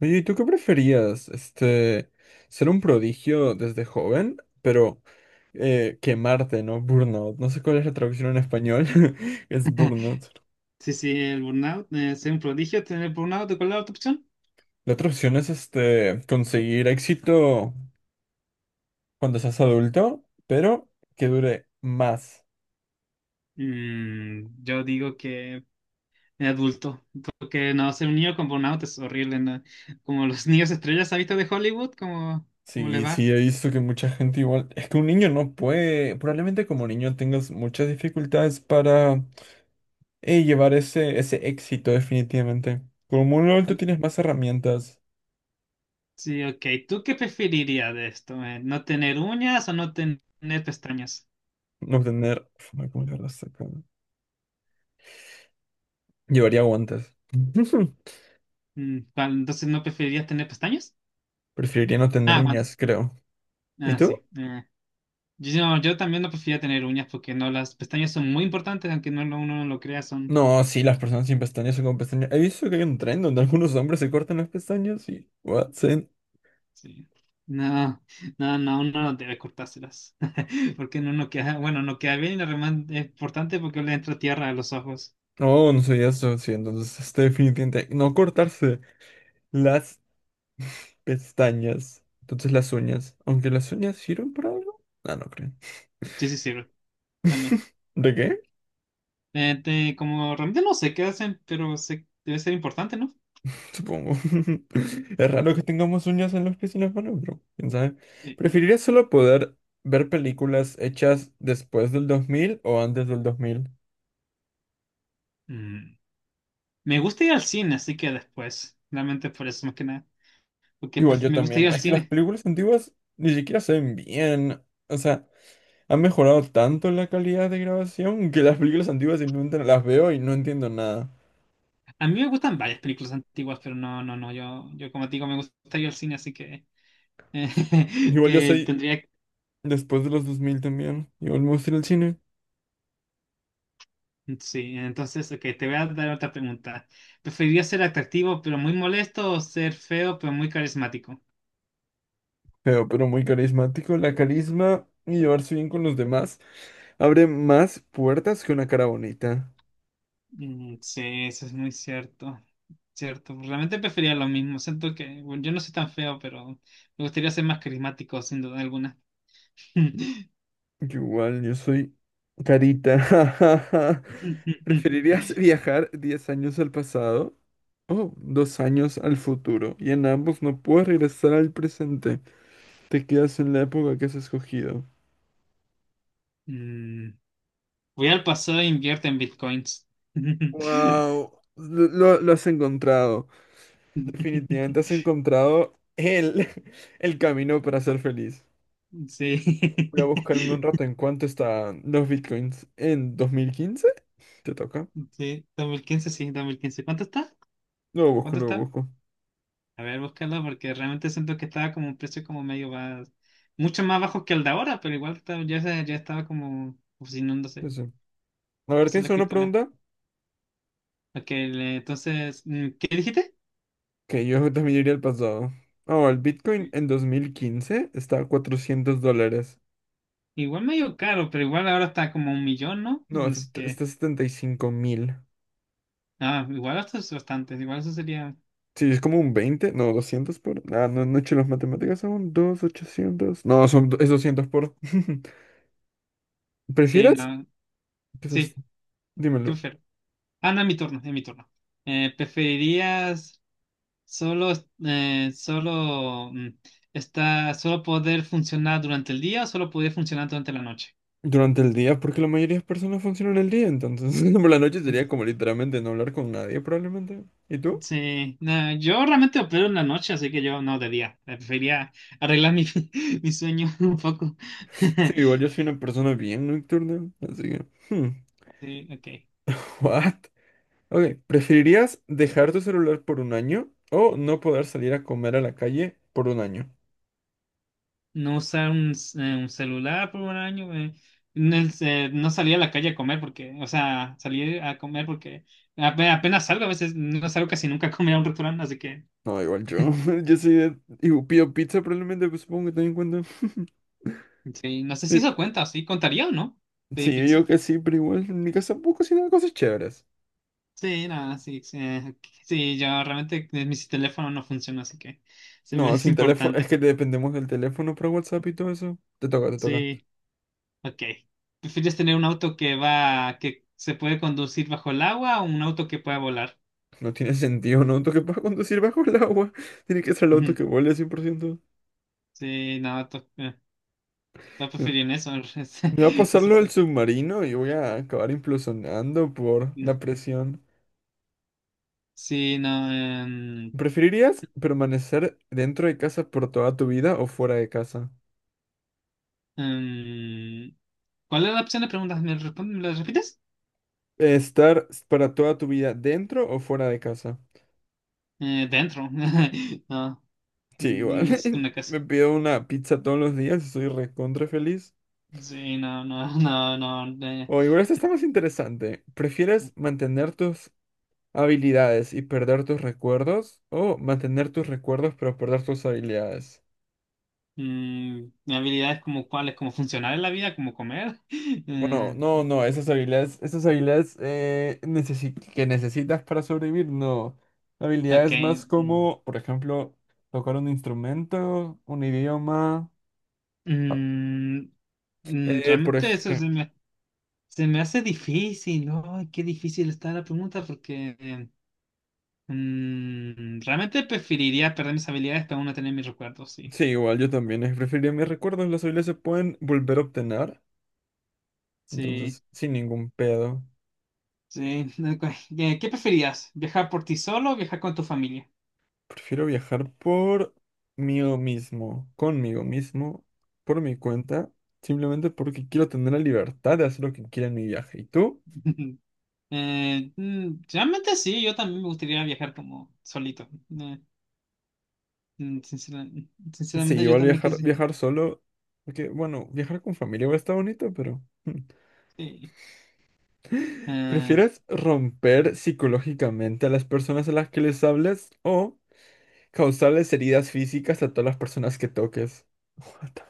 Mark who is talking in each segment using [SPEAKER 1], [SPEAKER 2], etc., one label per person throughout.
[SPEAKER 1] Oye, ¿y tú qué preferías? Ser un prodigio desde joven, pero quemarte, ¿no? Burnout. No sé cuál es la traducción en español. Es burnout.
[SPEAKER 2] Sí, sí, el burnout, ser un prodigio, tener burnout, ¿cuál es la otra opción?
[SPEAKER 1] La otra opción es conseguir éxito cuando seas adulto, pero que dure más.
[SPEAKER 2] Mm, yo digo que el adulto, porque no, ser un niño con burnout es horrible, ¿no? Como los niños estrellas, ¿has visto de Hollywood? ¿Cómo, cómo le
[SPEAKER 1] Sí,
[SPEAKER 2] va?
[SPEAKER 1] sí, he visto que mucha gente igual. Es que un niño no puede. Probablemente como niño tengas muchas dificultades para llevar ese éxito, definitivamente. Como un adulto tienes más herramientas.
[SPEAKER 2] Sí, ok, ¿tú qué preferirías de esto? ¿Eh? ¿No tener uñas o no tener pestañas?
[SPEAKER 1] No tener. Ay, ¿cómo llegar hasta acá? Llevaría guantes.
[SPEAKER 2] Mm, ¿cuál? Entonces, ¿no preferirías tener pestañas?
[SPEAKER 1] Preferiría no tener
[SPEAKER 2] Ah, ¿cuántas?
[SPEAKER 1] uñas, creo. ¿Y
[SPEAKER 2] Ah, sí.
[SPEAKER 1] tú?
[SPEAKER 2] Yo también no prefería tener uñas porque no, las pestañas son muy importantes, aunque uno no lo crea, son.
[SPEAKER 1] No, sí, las personas sin pestañas o con pestañas. He visto que hay un tren donde algunos hombres se cortan las pestañas y. What? Sí.
[SPEAKER 2] Sí. No, no, no, uno no debe cortárselas. Porque no nos queda, bueno, no queda bien y además es importante porque le entra tierra a los ojos.
[SPEAKER 1] No, no soy eso. Sí, entonces definitivamente. No cortarse las pestañas. Entonces las uñas. Aunque las uñas sirven para algo. Ah, no creo.
[SPEAKER 2] Sí, sí, sirve también.
[SPEAKER 1] ¿De qué?
[SPEAKER 2] Como realmente no sé qué hacen, pero debe ser importante, ¿no?
[SPEAKER 1] Supongo. Es raro que tengamos uñas en los pies y en las manos, pero quién sabe.
[SPEAKER 2] Sí.
[SPEAKER 1] ¿Preferirías solo poder ver películas hechas después del 2000 o antes del dos mil?
[SPEAKER 2] Mm. Me gusta ir al cine, así que después. Realmente por eso más que nada. Porque
[SPEAKER 1] Igual
[SPEAKER 2] pues,
[SPEAKER 1] yo
[SPEAKER 2] me gusta ir
[SPEAKER 1] también.
[SPEAKER 2] al
[SPEAKER 1] Es que las
[SPEAKER 2] cine.
[SPEAKER 1] películas antiguas ni siquiera se ven bien. O sea, ha mejorado tanto la calidad de grabación que las películas antiguas simplemente no las veo y no entiendo nada.
[SPEAKER 2] A mí me gustan varias películas antiguas, pero no, no, no. Yo como te digo, me gusta ir al cine, así que,
[SPEAKER 1] Igual yo
[SPEAKER 2] que
[SPEAKER 1] soy
[SPEAKER 2] tendría.
[SPEAKER 1] después de los 2000 también. Igual me gusta ir al cine.
[SPEAKER 2] Sí, entonces, ok, te voy a dar otra pregunta. ¿Preferirías ser atractivo pero muy molesto o ser feo pero muy carismático?
[SPEAKER 1] Feo, pero muy carismático. La carisma y llevarse bien con los demás abre más puertas que una cara bonita.
[SPEAKER 2] Mm, sí, eso es muy cierto. Cierto, realmente prefería lo mismo. Siento que, bueno, yo no soy tan feo, pero me gustaría ser más carismático, sin duda alguna.
[SPEAKER 1] Yo igual, yo soy carita. ¿Preferirías viajar 10 años al pasado o 2 años al futuro? Y en ambos no puedes regresar al presente. Te quedas en la época que has escogido.
[SPEAKER 2] Mm, voy al pasado e invierto en bitcoins.
[SPEAKER 1] Wow, lo has encontrado. Definitivamente has encontrado el, el camino para ser feliz.
[SPEAKER 2] Sí.
[SPEAKER 1] Voy a buscar en un rato en cuánto están los bitcoins. ¿En 2015 te toca?
[SPEAKER 2] Sí, 2015, sí, 2015. ¿Cuánto está?
[SPEAKER 1] Luego busco,
[SPEAKER 2] ¿Cuánto
[SPEAKER 1] luego
[SPEAKER 2] está?
[SPEAKER 1] busco.
[SPEAKER 2] A ver, búscalo porque realmente siento que estaba como un precio como medio más, mucho más bajo que el de ahora, pero ya, ya estaba como obsidiándose.
[SPEAKER 1] Sí, sí. A ver,
[SPEAKER 2] Entonces
[SPEAKER 1] ¿tienes
[SPEAKER 2] la
[SPEAKER 1] alguna
[SPEAKER 2] criptonea.
[SPEAKER 1] pregunta?
[SPEAKER 2] Ok, entonces, mm, ¿qué dijiste?
[SPEAKER 1] Que yo también iría al pasado. Oh, el bitcoin
[SPEAKER 2] Sí.
[SPEAKER 1] en 2015 está a $400.
[SPEAKER 2] Igual medio caro, pero igual ahora está como un millón, ¿no?
[SPEAKER 1] No, es-
[SPEAKER 2] Así que,
[SPEAKER 1] está a 75.000.
[SPEAKER 2] ah, igual esto es bastante, igual eso sería,
[SPEAKER 1] Sí, es como un veinte. No, 200 por... Ah, no, no he hecho las matemáticas aún. Dos ochocientos. No, son, es 200 por...
[SPEAKER 2] sí,
[SPEAKER 1] ¿Prefieres?
[SPEAKER 2] no, sí,
[SPEAKER 1] Quizás,
[SPEAKER 2] qué
[SPEAKER 1] dímelo.
[SPEAKER 2] prefiero. Ah, no, es mi turno, es mi turno. ¿Preferirías solo, eh, solo mm, solo poder funcionar durante el día o solo poder funcionar durante la noche?
[SPEAKER 1] Durante el día, porque la mayoría de personas funcionan el día, entonces por la noche
[SPEAKER 2] Mm,
[SPEAKER 1] sería como literalmente no hablar con nadie probablemente. ¿Y tú?
[SPEAKER 2] sí, no, yo realmente opero en la noche, así que yo no de día. Prefería arreglar mi, mi sueño un poco.
[SPEAKER 1] Sí, igual yo soy una persona bien nocturna, así que... hmm,
[SPEAKER 2] Sí, ok.
[SPEAKER 1] what? Ok, ¿preferirías dejar tu celular por 1 año o no poder salir a comer a la calle por 1 año?
[SPEAKER 2] No usar un celular por un año. No salí a la calle a comer porque, o sea, salí a comer porque apenas salgo, a veces no salgo casi nunca a comer a un restaurante, así que.
[SPEAKER 1] No, igual yo, yo soy de... y pido pizza probablemente, pues, supongo que ten en cuenta.
[SPEAKER 2] Sí, no sé si
[SPEAKER 1] Y-
[SPEAKER 2] eso cuenta, sí, contaría o no. Sí,
[SPEAKER 1] sí,
[SPEAKER 2] pizza.
[SPEAKER 1] yo que sí, pero igual en mi casa puedo cocinar cosas chéveres.
[SPEAKER 2] Sí, no, sí, sí, sí, yo realmente mi teléfono no funciona, así que se me
[SPEAKER 1] No,
[SPEAKER 2] es
[SPEAKER 1] sin teléfono, es que
[SPEAKER 2] importante.
[SPEAKER 1] dependemos del teléfono para WhatsApp y todo eso. Te toca, te toca.
[SPEAKER 2] Sí, ok. ¿Prefieres tener un auto que va, que se puede conducir bajo el agua o un auto que pueda volar?
[SPEAKER 1] No tiene sentido un auto que pueda conducir bajo el agua. Tiene que ser el auto
[SPEAKER 2] Ujú.
[SPEAKER 1] que vuele 100%.
[SPEAKER 2] Sí, no, todos
[SPEAKER 1] Eh, Me
[SPEAKER 2] prefieren eso,
[SPEAKER 1] me va a pasar
[SPEAKER 2] eso
[SPEAKER 1] lo del
[SPEAKER 2] sí.
[SPEAKER 1] submarino y voy a acabar implosionando por
[SPEAKER 2] No.
[SPEAKER 1] la presión.
[SPEAKER 2] Sí, no.
[SPEAKER 1] ¿Preferirías permanecer dentro de casa por toda tu vida o fuera de casa?
[SPEAKER 2] Em, ¿cuál es la opción de preguntas? ¿Me, me la repites?
[SPEAKER 1] ¿Estar para toda tu vida dentro o fuera de casa?
[SPEAKER 2] Dentro. No.
[SPEAKER 1] Sí,
[SPEAKER 2] No
[SPEAKER 1] igual.
[SPEAKER 2] necesito una casa.
[SPEAKER 1] Me pido una pizza todos los días y soy recontra feliz.
[SPEAKER 2] Sí, no, no, no, no.
[SPEAKER 1] O igual esta está más interesante. ¿Prefieres mantener tus habilidades y perder tus recuerdos o mantener tus recuerdos pero perder tus habilidades?
[SPEAKER 2] Mm, mi habilidad es como cuál, es como funcionar en la vida, como comer.
[SPEAKER 1] Bueno,
[SPEAKER 2] Eh,
[SPEAKER 1] no, no, esas habilidades necesi- que necesitas para sobrevivir, no.
[SPEAKER 2] ok.
[SPEAKER 1] Habilidades más
[SPEAKER 2] mm,
[SPEAKER 1] como, por ejemplo, tocar un instrumento, un idioma. Ah,
[SPEAKER 2] mm,
[SPEAKER 1] por
[SPEAKER 2] realmente eso
[SPEAKER 1] ejemplo,
[SPEAKER 2] se me hace difícil, ¿no? Ay, qué difícil está la pregunta porque realmente preferiría perder mis habilidades para no tener mis recuerdos, sí.
[SPEAKER 1] sí, igual yo también preferiría mis recuerdos, las habilidades se pueden volver a obtener,
[SPEAKER 2] Sí,
[SPEAKER 1] entonces sin ningún pedo.
[SPEAKER 2] sí. Ok. ¿Qué preferirías? ¿Viajar por ti solo o viajar con tu familia?
[SPEAKER 1] Prefiero viajar por mí mismo, conmigo mismo, por mi cuenta, simplemente porque quiero tener la libertad de hacer lo que quiera en mi viaje. ¿Y tú?
[SPEAKER 2] Mm, realmente sí, yo también me gustaría viajar como solito. Eh, mm, sincera-
[SPEAKER 1] Sí,
[SPEAKER 2] sinceramente yo
[SPEAKER 1] igual
[SPEAKER 2] también
[SPEAKER 1] viajar,
[SPEAKER 2] quise.
[SPEAKER 1] viajar solo, porque bueno, viajar con familia igual está bonito, pero hmm.
[SPEAKER 2] Sí. Eh,
[SPEAKER 1] ¿Prefieres romper psicológicamente a las personas a las que les hables o causarles heridas físicas a todas las personas que toques? What the-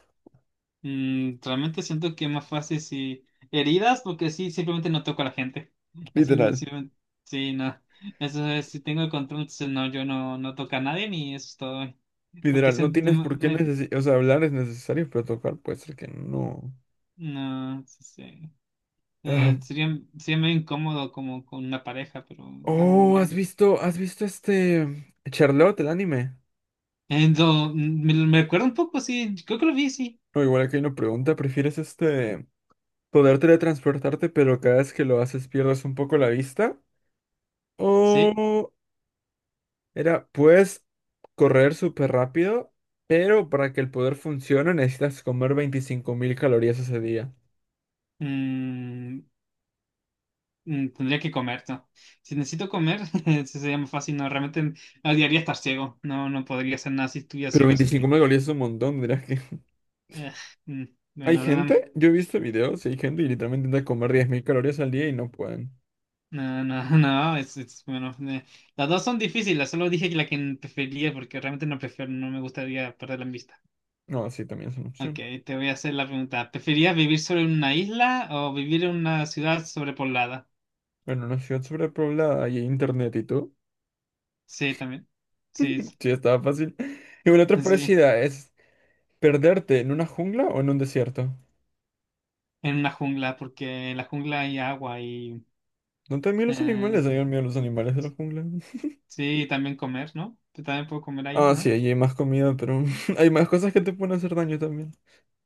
[SPEAKER 2] realmente siento que es más fácil si heridas, porque sí, simplemente no toco a la gente. Así me
[SPEAKER 1] literal,
[SPEAKER 2] sirven. Sí, no. Eso es, si tengo el control, entonces no, yo no, no toco a nadie ni eso es todo. Porque
[SPEAKER 1] literal,
[SPEAKER 2] se-
[SPEAKER 1] no tienes
[SPEAKER 2] me-
[SPEAKER 1] por qué
[SPEAKER 2] me-
[SPEAKER 1] necesitar, o sea, hablar es necesario, pero tocar puede ser que no.
[SPEAKER 2] no, sí, sí.
[SPEAKER 1] Ah,
[SPEAKER 2] Sería medio incómodo como con una pareja, pero no,
[SPEAKER 1] oh,
[SPEAKER 2] no.
[SPEAKER 1] has visto Charlotte, el anime?
[SPEAKER 2] No, me, me acuerdo un poco, sí. Creo que lo vi, sí.
[SPEAKER 1] No, igual aquí hay una pregunta, ¿prefieres poder teletransportarte pero cada vez que lo haces pierdes un poco la vista?
[SPEAKER 2] Sí.
[SPEAKER 1] O era, puedes correr súper rápido, pero para que el poder funcione necesitas comer 25.000 calorías ese día.
[SPEAKER 2] Mm, tendría que comer, ¿no? Si necesito comer, eso sería más fácil. No, realmente odiaría estar ciego. No, no podría hacer nada si estuviera
[SPEAKER 1] Pero
[SPEAKER 2] ciego, así
[SPEAKER 1] veinticinco
[SPEAKER 2] que.
[SPEAKER 1] mil calorías es un montón, dirás que...
[SPEAKER 2] eh, mm,
[SPEAKER 1] Hay
[SPEAKER 2] bueno,
[SPEAKER 1] gente, yo he visto videos, y hay gente que literalmente intenta comer 10.000 calorías al día y no pueden.
[SPEAKER 2] no, no, no, es- bueno, las dos son difíciles, solo dije que la que prefería porque realmente no prefiero, no me gustaría perderla en vista.
[SPEAKER 1] No, así también es una
[SPEAKER 2] Ok,
[SPEAKER 1] opción.
[SPEAKER 2] te voy a hacer la pregunta. ¿Preferías vivir sobre una isla o vivir en una ciudad sobrepoblada?
[SPEAKER 1] Bueno, una ciudad sobrepoblada y hay internet, ¿y tú?
[SPEAKER 2] Sí, también. Sí,
[SPEAKER 1] Sí, estaba fácil. Y una otra
[SPEAKER 2] sí,
[SPEAKER 1] parecida es perderte en una jungla o en un desierto.
[SPEAKER 2] en una jungla, porque en la jungla hay agua y
[SPEAKER 1] No te dan miedo los
[SPEAKER 2] eh,
[SPEAKER 1] animales, hay miedo los animales de la jungla.
[SPEAKER 2] sí, también comer, ¿no? Yo también puedo comer ahí,
[SPEAKER 1] Ah,
[SPEAKER 2] ¿no?
[SPEAKER 1] sí, allí hay más comida, pero hay más cosas que te pueden hacer daño también.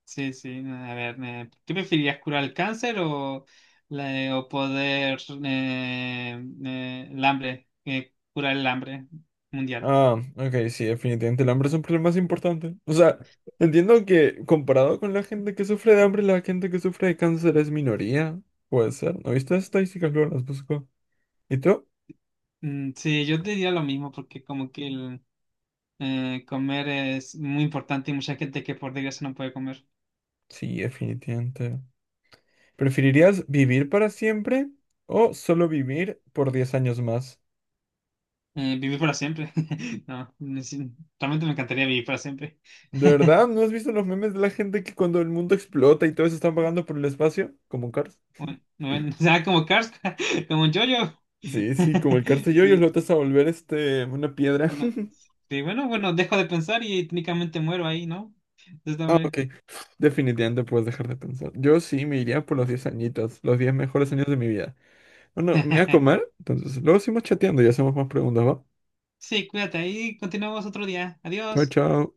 [SPEAKER 2] Sí, sí, a ver, ¿qué preferirías, curar el cáncer o, la- o poder curar el hambre mundial?
[SPEAKER 1] Ah, ok, sí, definitivamente el hambre es un problema más importante. O sea, entiendo que comparado con la gente que sufre de hambre, la gente que sufre de cáncer es minoría. Puede ser. ¿No viste las estadísticas? Luego las busco. ¿Y tú?
[SPEAKER 2] Mm, sí, yo te diría lo mismo, porque como que el comer es muy importante y mucha gente que por desgracia no puede comer.
[SPEAKER 1] Sí, definitivamente. ¿Preferirías vivir para siempre o solo vivir por 10 años más?
[SPEAKER 2] Vivir para siempre. No, sí, realmente me encantaría vivir para siempre.
[SPEAKER 1] ¿De verdad? ¿No has visto los memes de la gente que cuando el mundo explota y todos están vagando por el espacio? ¿Como un Cars?
[SPEAKER 2] Bueno, bueno, o sea, como Cars, como un yoyo.
[SPEAKER 1] Sí, sí, como el Cars te yo y lo
[SPEAKER 2] Sí,
[SPEAKER 1] vas a volver una piedra.
[SPEAKER 2] no. Sí, bueno, bueno, dejo de pensar y técnicamente muero ahí, ¿no? De esta
[SPEAKER 1] Ah,
[SPEAKER 2] manera.
[SPEAKER 1] ok. Definitivamente puedes dejar de pensar. Yo sí me iría por los 10 añitos, los 10 mejores años de mi vida. Bueno, me voy a comer, entonces luego seguimos chateando y hacemos más preguntas, ¿va?
[SPEAKER 2] Sí, cuídate ahí, continuamos otro día.
[SPEAKER 1] Chao,
[SPEAKER 2] Adiós.
[SPEAKER 1] chao.